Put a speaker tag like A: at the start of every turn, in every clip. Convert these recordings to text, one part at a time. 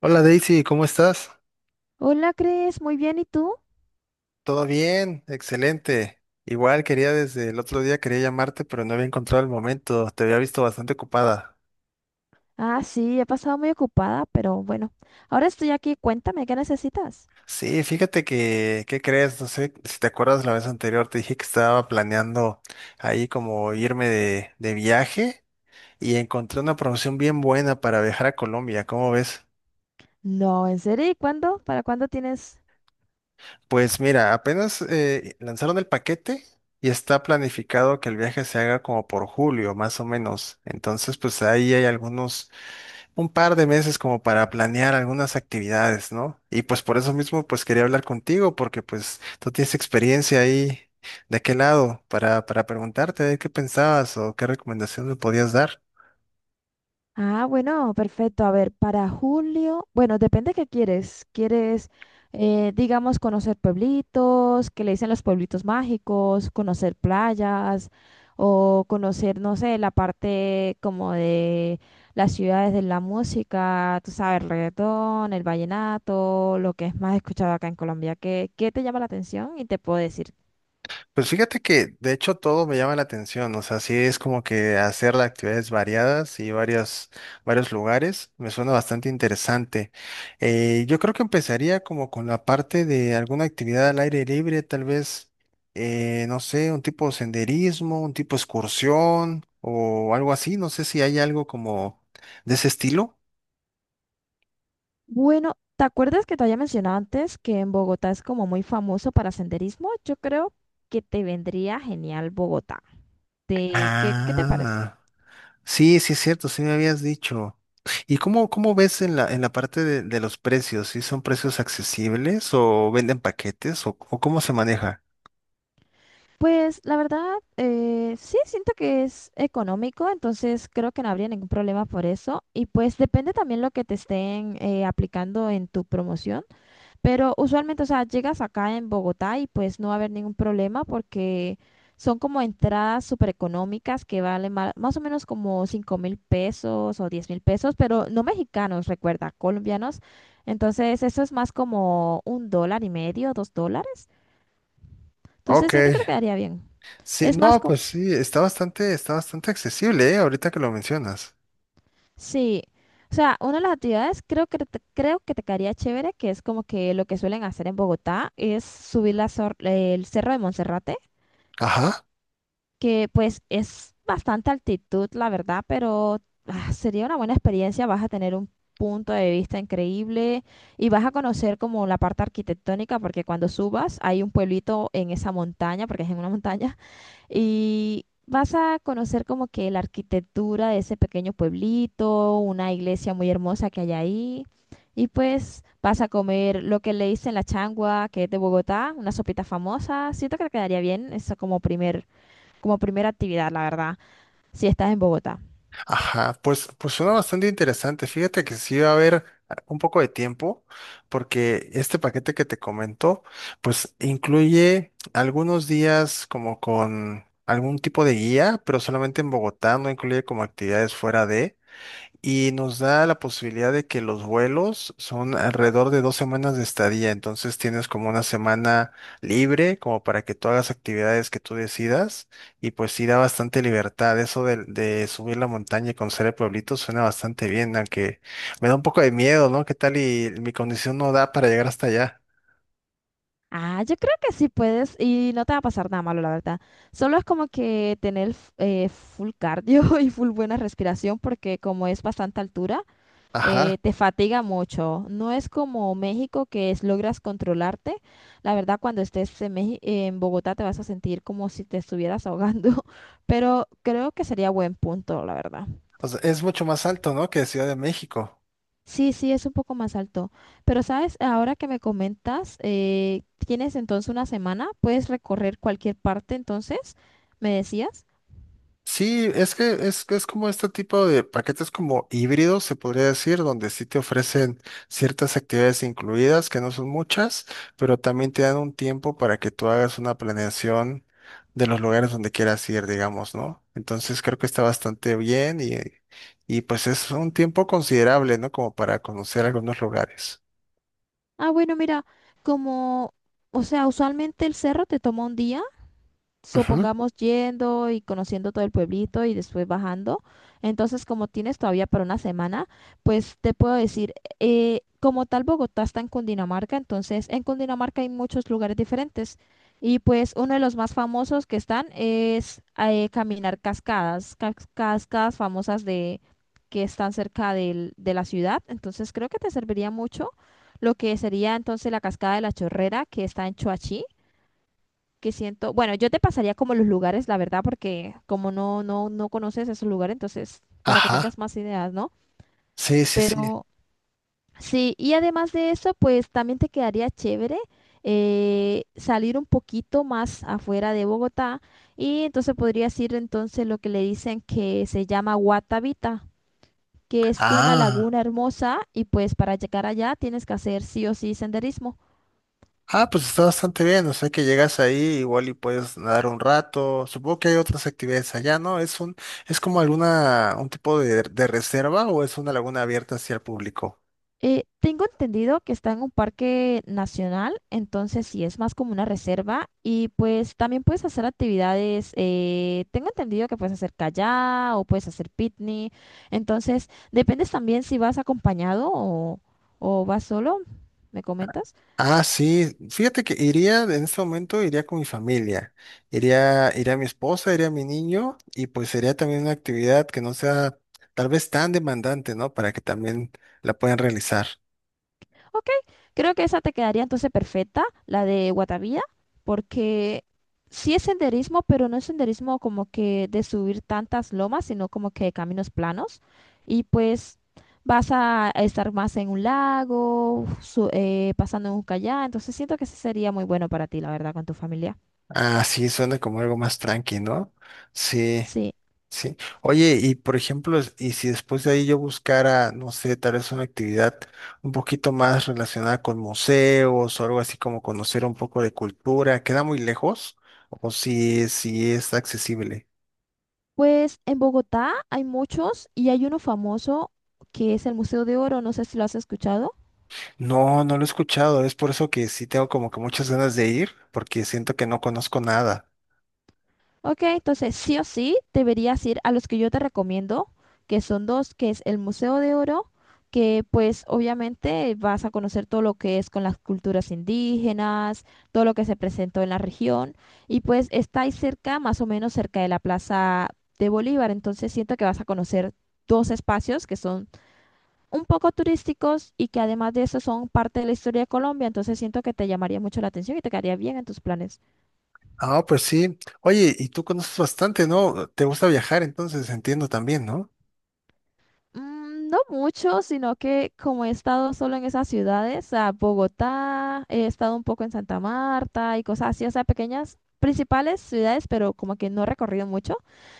A: Hola Daisy, ¿cómo estás?
B: Hola, Cris, muy bien, ¿y tú?
A: ¿Todo bien? Excelente. Igual quería desde el otro día quería llamarte, pero no había encontrado el momento. Te había visto bastante ocupada.
B: Ah, sí, he pasado muy ocupada, pero bueno, ahora estoy aquí, cuéntame, ¿qué necesitas?
A: Sí, fíjate que, ¿qué crees? No sé si te acuerdas la vez anterior, te dije que estaba planeando ahí como irme de viaje y encontré una promoción bien buena para viajar a Colombia. ¿Cómo ves?
B: No, ¿en serio? ¿Y cuándo? ¿Para cuándo tienes?
A: Pues mira, apenas lanzaron el paquete. Y está planificado que el viaje se haga como por julio, más o menos. Entonces, pues ahí hay algunos un par de meses como para planear algunas actividades, ¿no? Y pues por eso mismo pues quería hablar contigo porque pues tú tienes experiencia ahí de qué lado para preguntarte de qué pensabas o qué recomendación me podías dar.
B: Ah, bueno, perfecto. A ver, para julio, bueno, depende qué quieres. ¿Quieres, digamos, conocer pueblitos, que le dicen los pueblitos mágicos, conocer playas o conocer, no sé, la parte como de las ciudades de la música, tú sabes, el reggaetón, el vallenato, lo que es más escuchado acá en Colombia? ¿Qué te llama la atención? Y te puedo decir.
A: Pues fíjate que de hecho todo me llama la atención, o sea, sí es como que hacer las actividades variadas y varios lugares, me suena bastante interesante. Yo creo que empezaría como con la parte de alguna actividad al aire libre, tal vez, no sé, un tipo senderismo, un tipo excursión o algo así, no sé si hay algo como de ese estilo.
B: Bueno, ¿te acuerdas que te había mencionado antes que en Bogotá es como muy famoso para senderismo? Yo creo que te vendría genial Bogotá. ¿Qué te parece?
A: Ah. Sí, sí es cierto, sí me habías dicho. ¿Y cómo ves en la parte de los precios? ¿Sí son precios accesibles o venden paquetes o cómo se maneja?
B: Pues la verdad, sí, siento que es económico, entonces creo que no habría ningún problema por eso. Y pues depende también lo que te estén aplicando en tu promoción. Pero usualmente, o sea, llegas acá en Bogotá y pues no va a haber ningún problema porque son como entradas súper económicas que valen más o menos como 5.000 pesos o 10.000 pesos, pero no mexicanos, recuerda, colombianos. Entonces, eso es más como un dólar y medio, 2 dólares. Entonces,
A: Ok.
B: siento que te quedaría bien.
A: Sí,
B: Es más
A: no,
B: como,
A: pues sí, está bastante accesible, ¿eh? Ahorita que lo mencionas.
B: sí. O sea, una de las actividades creo que te quedaría chévere, que es como que lo que suelen hacer en Bogotá, es subir el cerro de Monserrate,
A: Ajá.
B: que pues es bastante altitud, la verdad, pero ah, sería una buena experiencia. Vas a tener un punto de vista increíble y vas a conocer como la parte arquitectónica, porque cuando subas hay un pueblito en esa montaña, porque es en una montaña, y vas a conocer como que la arquitectura de ese pequeño pueblito, una iglesia muy hermosa que hay ahí. Y pues vas a comer lo que le dicen la changua, que es de Bogotá, una sopita famosa. Siento que te quedaría bien, eso como primera actividad, la verdad, si estás en Bogotá.
A: Ajá, pues suena bastante interesante. Fíjate que sí va a haber un poco de tiempo, porque este paquete que te comento, pues incluye algunos días como con algún tipo de guía, pero solamente en Bogotá, no incluye como actividades fuera de. Y nos da la posibilidad de que los vuelos son alrededor de 2 semanas de estadía, entonces tienes como una semana libre como para que tú hagas actividades que tú decidas y pues sí da bastante libertad. Eso de subir la montaña y conocer el pueblito suena bastante bien, aunque me da un poco de miedo, ¿no? ¿Qué tal y mi condición no da para llegar hasta allá?
B: Ah, yo creo que sí puedes y no te va a pasar nada malo, la verdad. Solo es como que tener full cardio y full buena respiración porque como es bastante altura,
A: Ajá,
B: te fatiga mucho. No es como México, que es, logras controlarte. La verdad, cuando estés en Bogotá te vas a sentir como si te estuvieras ahogando, pero creo que sería buen punto, la verdad.
A: o sea, es mucho más alto, ¿no? Que Ciudad de México.
B: Sí, sí, es un poco más alto. Pero sabes, ahora que me comentas, tienes entonces una semana, puedes recorrer cualquier parte, entonces, me decías.
A: Sí, es, que es como este tipo de paquetes como híbridos, se podría decir, donde sí te ofrecen ciertas actividades incluidas, que no son muchas, pero también te dan un tiempo para que tú hagas una planeación de los lugares donde quieras ir, digamos, ¿no? Entonces creo que está bastante bien y pues es un tiempo considerable, ¿no? Como para conocer algunos lugares.
B: Ah, bueno, mira, como, o sea, usualmente el cerro te toma un día,
A: Ujú.
B: supongamos, yendo y conociendo todo el pueblito y después bajando. Entonces, como tienes todavía para una semana, pues te puedo decir, como tal Bogotá está en Cundinamarca, entonces en Cundinamarca hay muchos lugares diferentes. Y pues uno de los más famosos que están es caminar cascadas, cascadas famosas de que están cerca de la ciudad. Entonces creo que te serviría mucho lo que sería entonces la cascada de la Chorrera, que está en Choachí, que siento, bueno, yo te pasaría como los lugares, la verdad, porque como no, no, no conoces esos lugares, entonces, para que
A: Ajá.
B: tengas más ideas, ¿no?
A: Sí, sí, sí.
B: Pero sí, y además de eso, pues también te quedaría chévere salir un poquito más afuera de Bogotá, y entonces podrías ir entonces lo que le dicen que se llama Guatavita, que es una
A: Ah.
B: laguna hermosa, y pues para llegar allá tienes que hacer sí o sí senderismo.
A: Ah, pues está bastante bien, o sea que llegas ahí igual y puedes nadar un rato. Supongo que hay otras actividades allá, ¿no? ¿Es como alguna, un tipo de reserva o es una laguna abierta hacia el público?
B: Tengo entendido que está en un parque nacional, entonces sí es más como una reserva, y pues también puedes hacer actividades. Tengo entendido que puedes hacer kayak o puedes hacer picnic, entonces dependes también si vas acompañado o, vas solo, ¿me comentas?
A: Ah, sí, fíjate que iría, en este momento iría con mi familia, iría mi esposa, iría mi niño y pues sería también una actividad que no sea tal vez tan demandante, ¿no? Para que también la puedan realizar.
B: Ok, creo que esa te quedaría entonces perfecta, la de Guatavía, porque sí es senderismo, pero no es senderismo como que de subir tantas lomas, sino como que caminos planos. Y pues vas a estar más en un lago, pasando en un kayak, entonces siento que sí sería muy bueno para ti, la verdad, con tu familia.
A: Ah, sí, suena como algo más tranqui, ¿no? Sí.
B: Sí,
A: Sí. Oye, y por ejemplo, y si después de ahí yo buscara, no sé, tal vez una actividad un poquito más relacionada con museos o algo así como conocer un poco de cultura, ¿queda muy lejos? ¿O si es accesible?
B: pues en Bogotá hay muchos y hay uno famoso, que es el Museo de Oro, no sé si lo has escuchado.
A: No, no lo he escuchado, es por eso que sí tengo como que muchas ganas de ir, porque siento que no conozco nada.
B: Ok, entonces sí o sí deberías ir a los que yo te recomiendo, que son dos, que es el Museo de Oro, que pues obviamente vas a conocer todo lo que es con las culturas indígenas, todo lo que se presentó en la región, y pues está ahí cerca, más o menos cerca de la Plaza de Bolívar, entonces siento que vas a conocer dos espacios que son un poco turísticos y que además de eso son parte de la historia de Colombia, entonces siento que te llamaría mucho la atención y te quedaría bien en tus planes.
A: Ah, pues sí. Oye, y tú conoces bastante, ¿no? Te gusta viajar, entonces entiendo también, ¿no?
B: Mm, no mucho, sino que como he estado solo en esas ciudades, o sea, Bogotá, he estado un poco en Santa Marta y cosas así, o sea, pequeñas principales ciudades, pero como que no he recorrido mucho,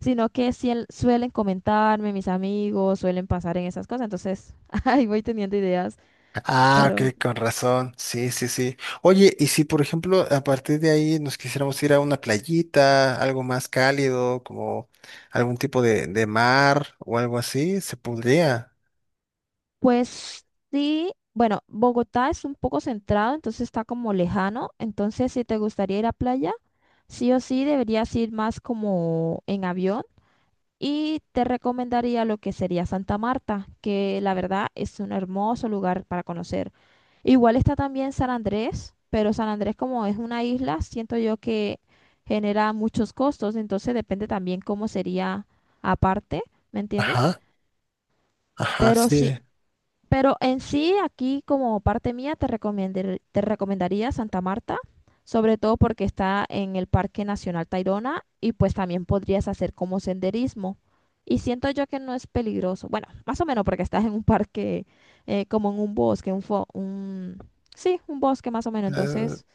B: sino que sí suelen comentarme mis amigos, suelen pasar en esas cosas, entonces ahí voy teniendo ideas,
A: Ah,
B: pero
A: ok, con razón. Sí, sí, sí. Oye, y si por ejemplo a partir de ahí nos quisiéramos ir a una playita, algo más cálido, como algún tipo de mar o algo así, se podría.
B: pues sí, bueno, Bogotá es un poco centrado, entonces está como lejano, entonces si te gustaría ir a playa, sí o sí deberías ir más como en avión. Y te recomendaría lo que sería Santa Marta, que la verdad es un hermoso lugar para conocer. Igual está también San Andrés, pero San Andrés como es una isla, siento yo que genera muchos costos, entonces depende también cómo sería aparte, ¿me entiendes?
A: Ajá, ajá,
B: Pero sí,
A: sí.
B: pero en sí, aquí como parte mía, te recomendaría Santa Marta, sobre todo porque está en el Parque Nacional Tayrona, y pues también podrías hacer como senderismo. Y siento yo que no es peligroso. Bueno, más o menos porque estás en un parque, como en un bosque, sí, un bosque más o menos.
A: Eh,
B: Entonces,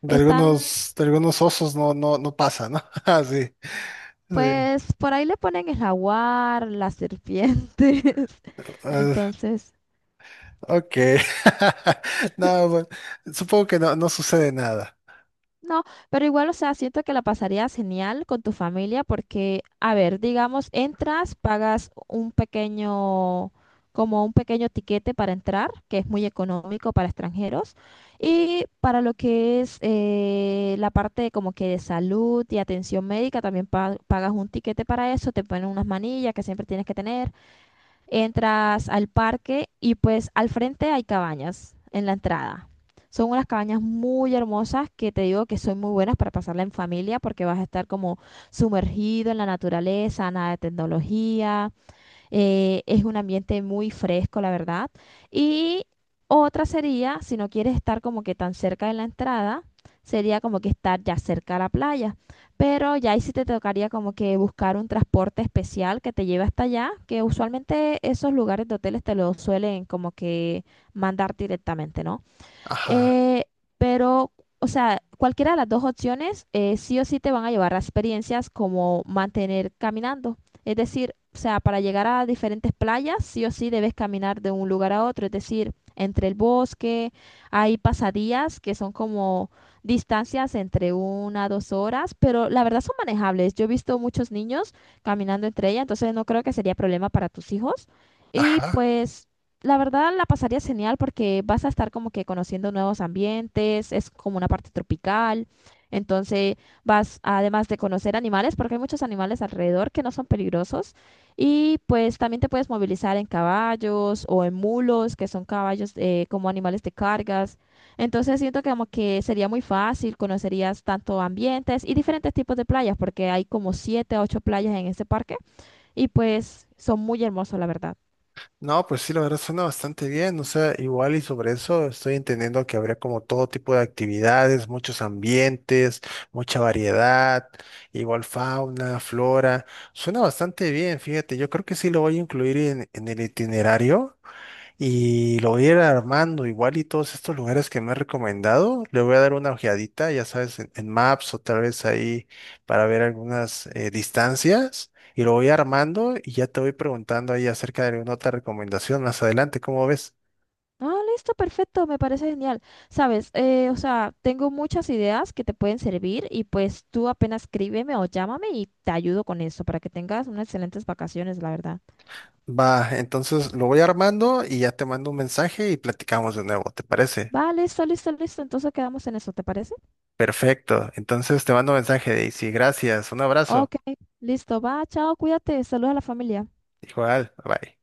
A: de
B: están,
A: algunos, de algunos osos no, no, no pasa, ¿no? Ah, sí. Sí.
B: pues por ahí le ponen el jaguar, las serpientes.
A: Ah,
B: Entonces,
A: ok. No, bueno, supongo que no, no sucede nada.
B: no, pero igual, o sea, siento que la pasarías genial con tu familia porque, a ver, digamos, entras, pagas un pequeño, como un pequeño tiquete para entrar, que es muy económico para extranjeros, y para lo que es la parte como que de salud y atención médica, también pagas un tiquete para eso, te ponen unas manillas que siempre tienes que tener, entras al parque y pues al frente hay cabañas en la entrada. Son unas cabañas muy hermosas, que te digo que son muy buenas para pasarla en familia, porque vas a estar como sumergido en la naturaleza, nada de tecnología. Es un ambiente muy fresco, la verdad. Y otra sería, si no quieres estar como que tan cerca de la entrada, sería como que estar ya cerca a la playa. Pero ya ahí sí te tocaría como que buscar un transporte especial que te lleve hasta allá, que usualmente esos lugares de hoteles te lo suelen como que mandar directamente, ¿no?
A: Ajá,
B: Eh, pero, o sea, cualquiera de las dos opciones sí o sí te van a llevar a experiencias como mantener caminando. Es decir, o sea, para llegar a diferentes playas, sí o sí debes caminar de un lugar a otro. Es decir, entre el bosque, hay pasadías que son como distancias entre una a dos horas, pero la verdad son manejables. Yo he visto muchos niños caminando entre ellas, entonces no creo que sería problema para tus hijos. Y
A: ajá.
B: pues, la verdad, la pasaría genial porque vas a estar como que conociendo nuevos ambientes, es como una parte tropical, entonces vas, además de conocer animales, porque hay muchos animales alrededor que no son peligrosos, y pues también te puedes movilizar en caballos o en mulos, que son caballos, como animales de cargas, entonces siento que como que sería muy fácil, conocerías tanto ambientes y diferentes tipos de playas, porque hay como siete a ocho playas en este parque, y pues son muy hermosos, la verdad.
A: No, pues sí, la verdad suena bastante bien, o sea, igual y sobre eso estoy entendiendo que habría como todo tipo de actividades, muchos ambientes, mucha variedad, igual fauna, flora, suena bastante bien, fíjate, yo creo que sí lo voy a incluir en el itinerario y lo voy a ir armando igual y todos estos lugares que me he recomendado, le voy a dar una ojeadita, ya sabes, en Maps o tal vez ahí para ver algunas distancias y lo voy armando y ya te voy preguntando ahí acerca de alguna otra recomendación más adelante, ¿cómo ves?
B: Ah, listo, perfecto, me parece genial. Sabes, o sea, tengo muchas ideas que te pueden servir, y pues tú apenas escríbeme o llámame y te ayudo con eso para que tengas unas excelentes vacaciones, la verdad.
A: Va, entonces lo voy armando y ya te mando un mensaje y platicamos de nuevo, ¿te parece?
B: Va, listo, listo, listo. Entonces quedamos en eso, ¿te parece?
A: Perfecto, entonces te mando un mensaje, Daisy, gracias, un abrazo,
B: Ok, listo, va, chao, cuídate, saluda a la familia.
A: igual, bye.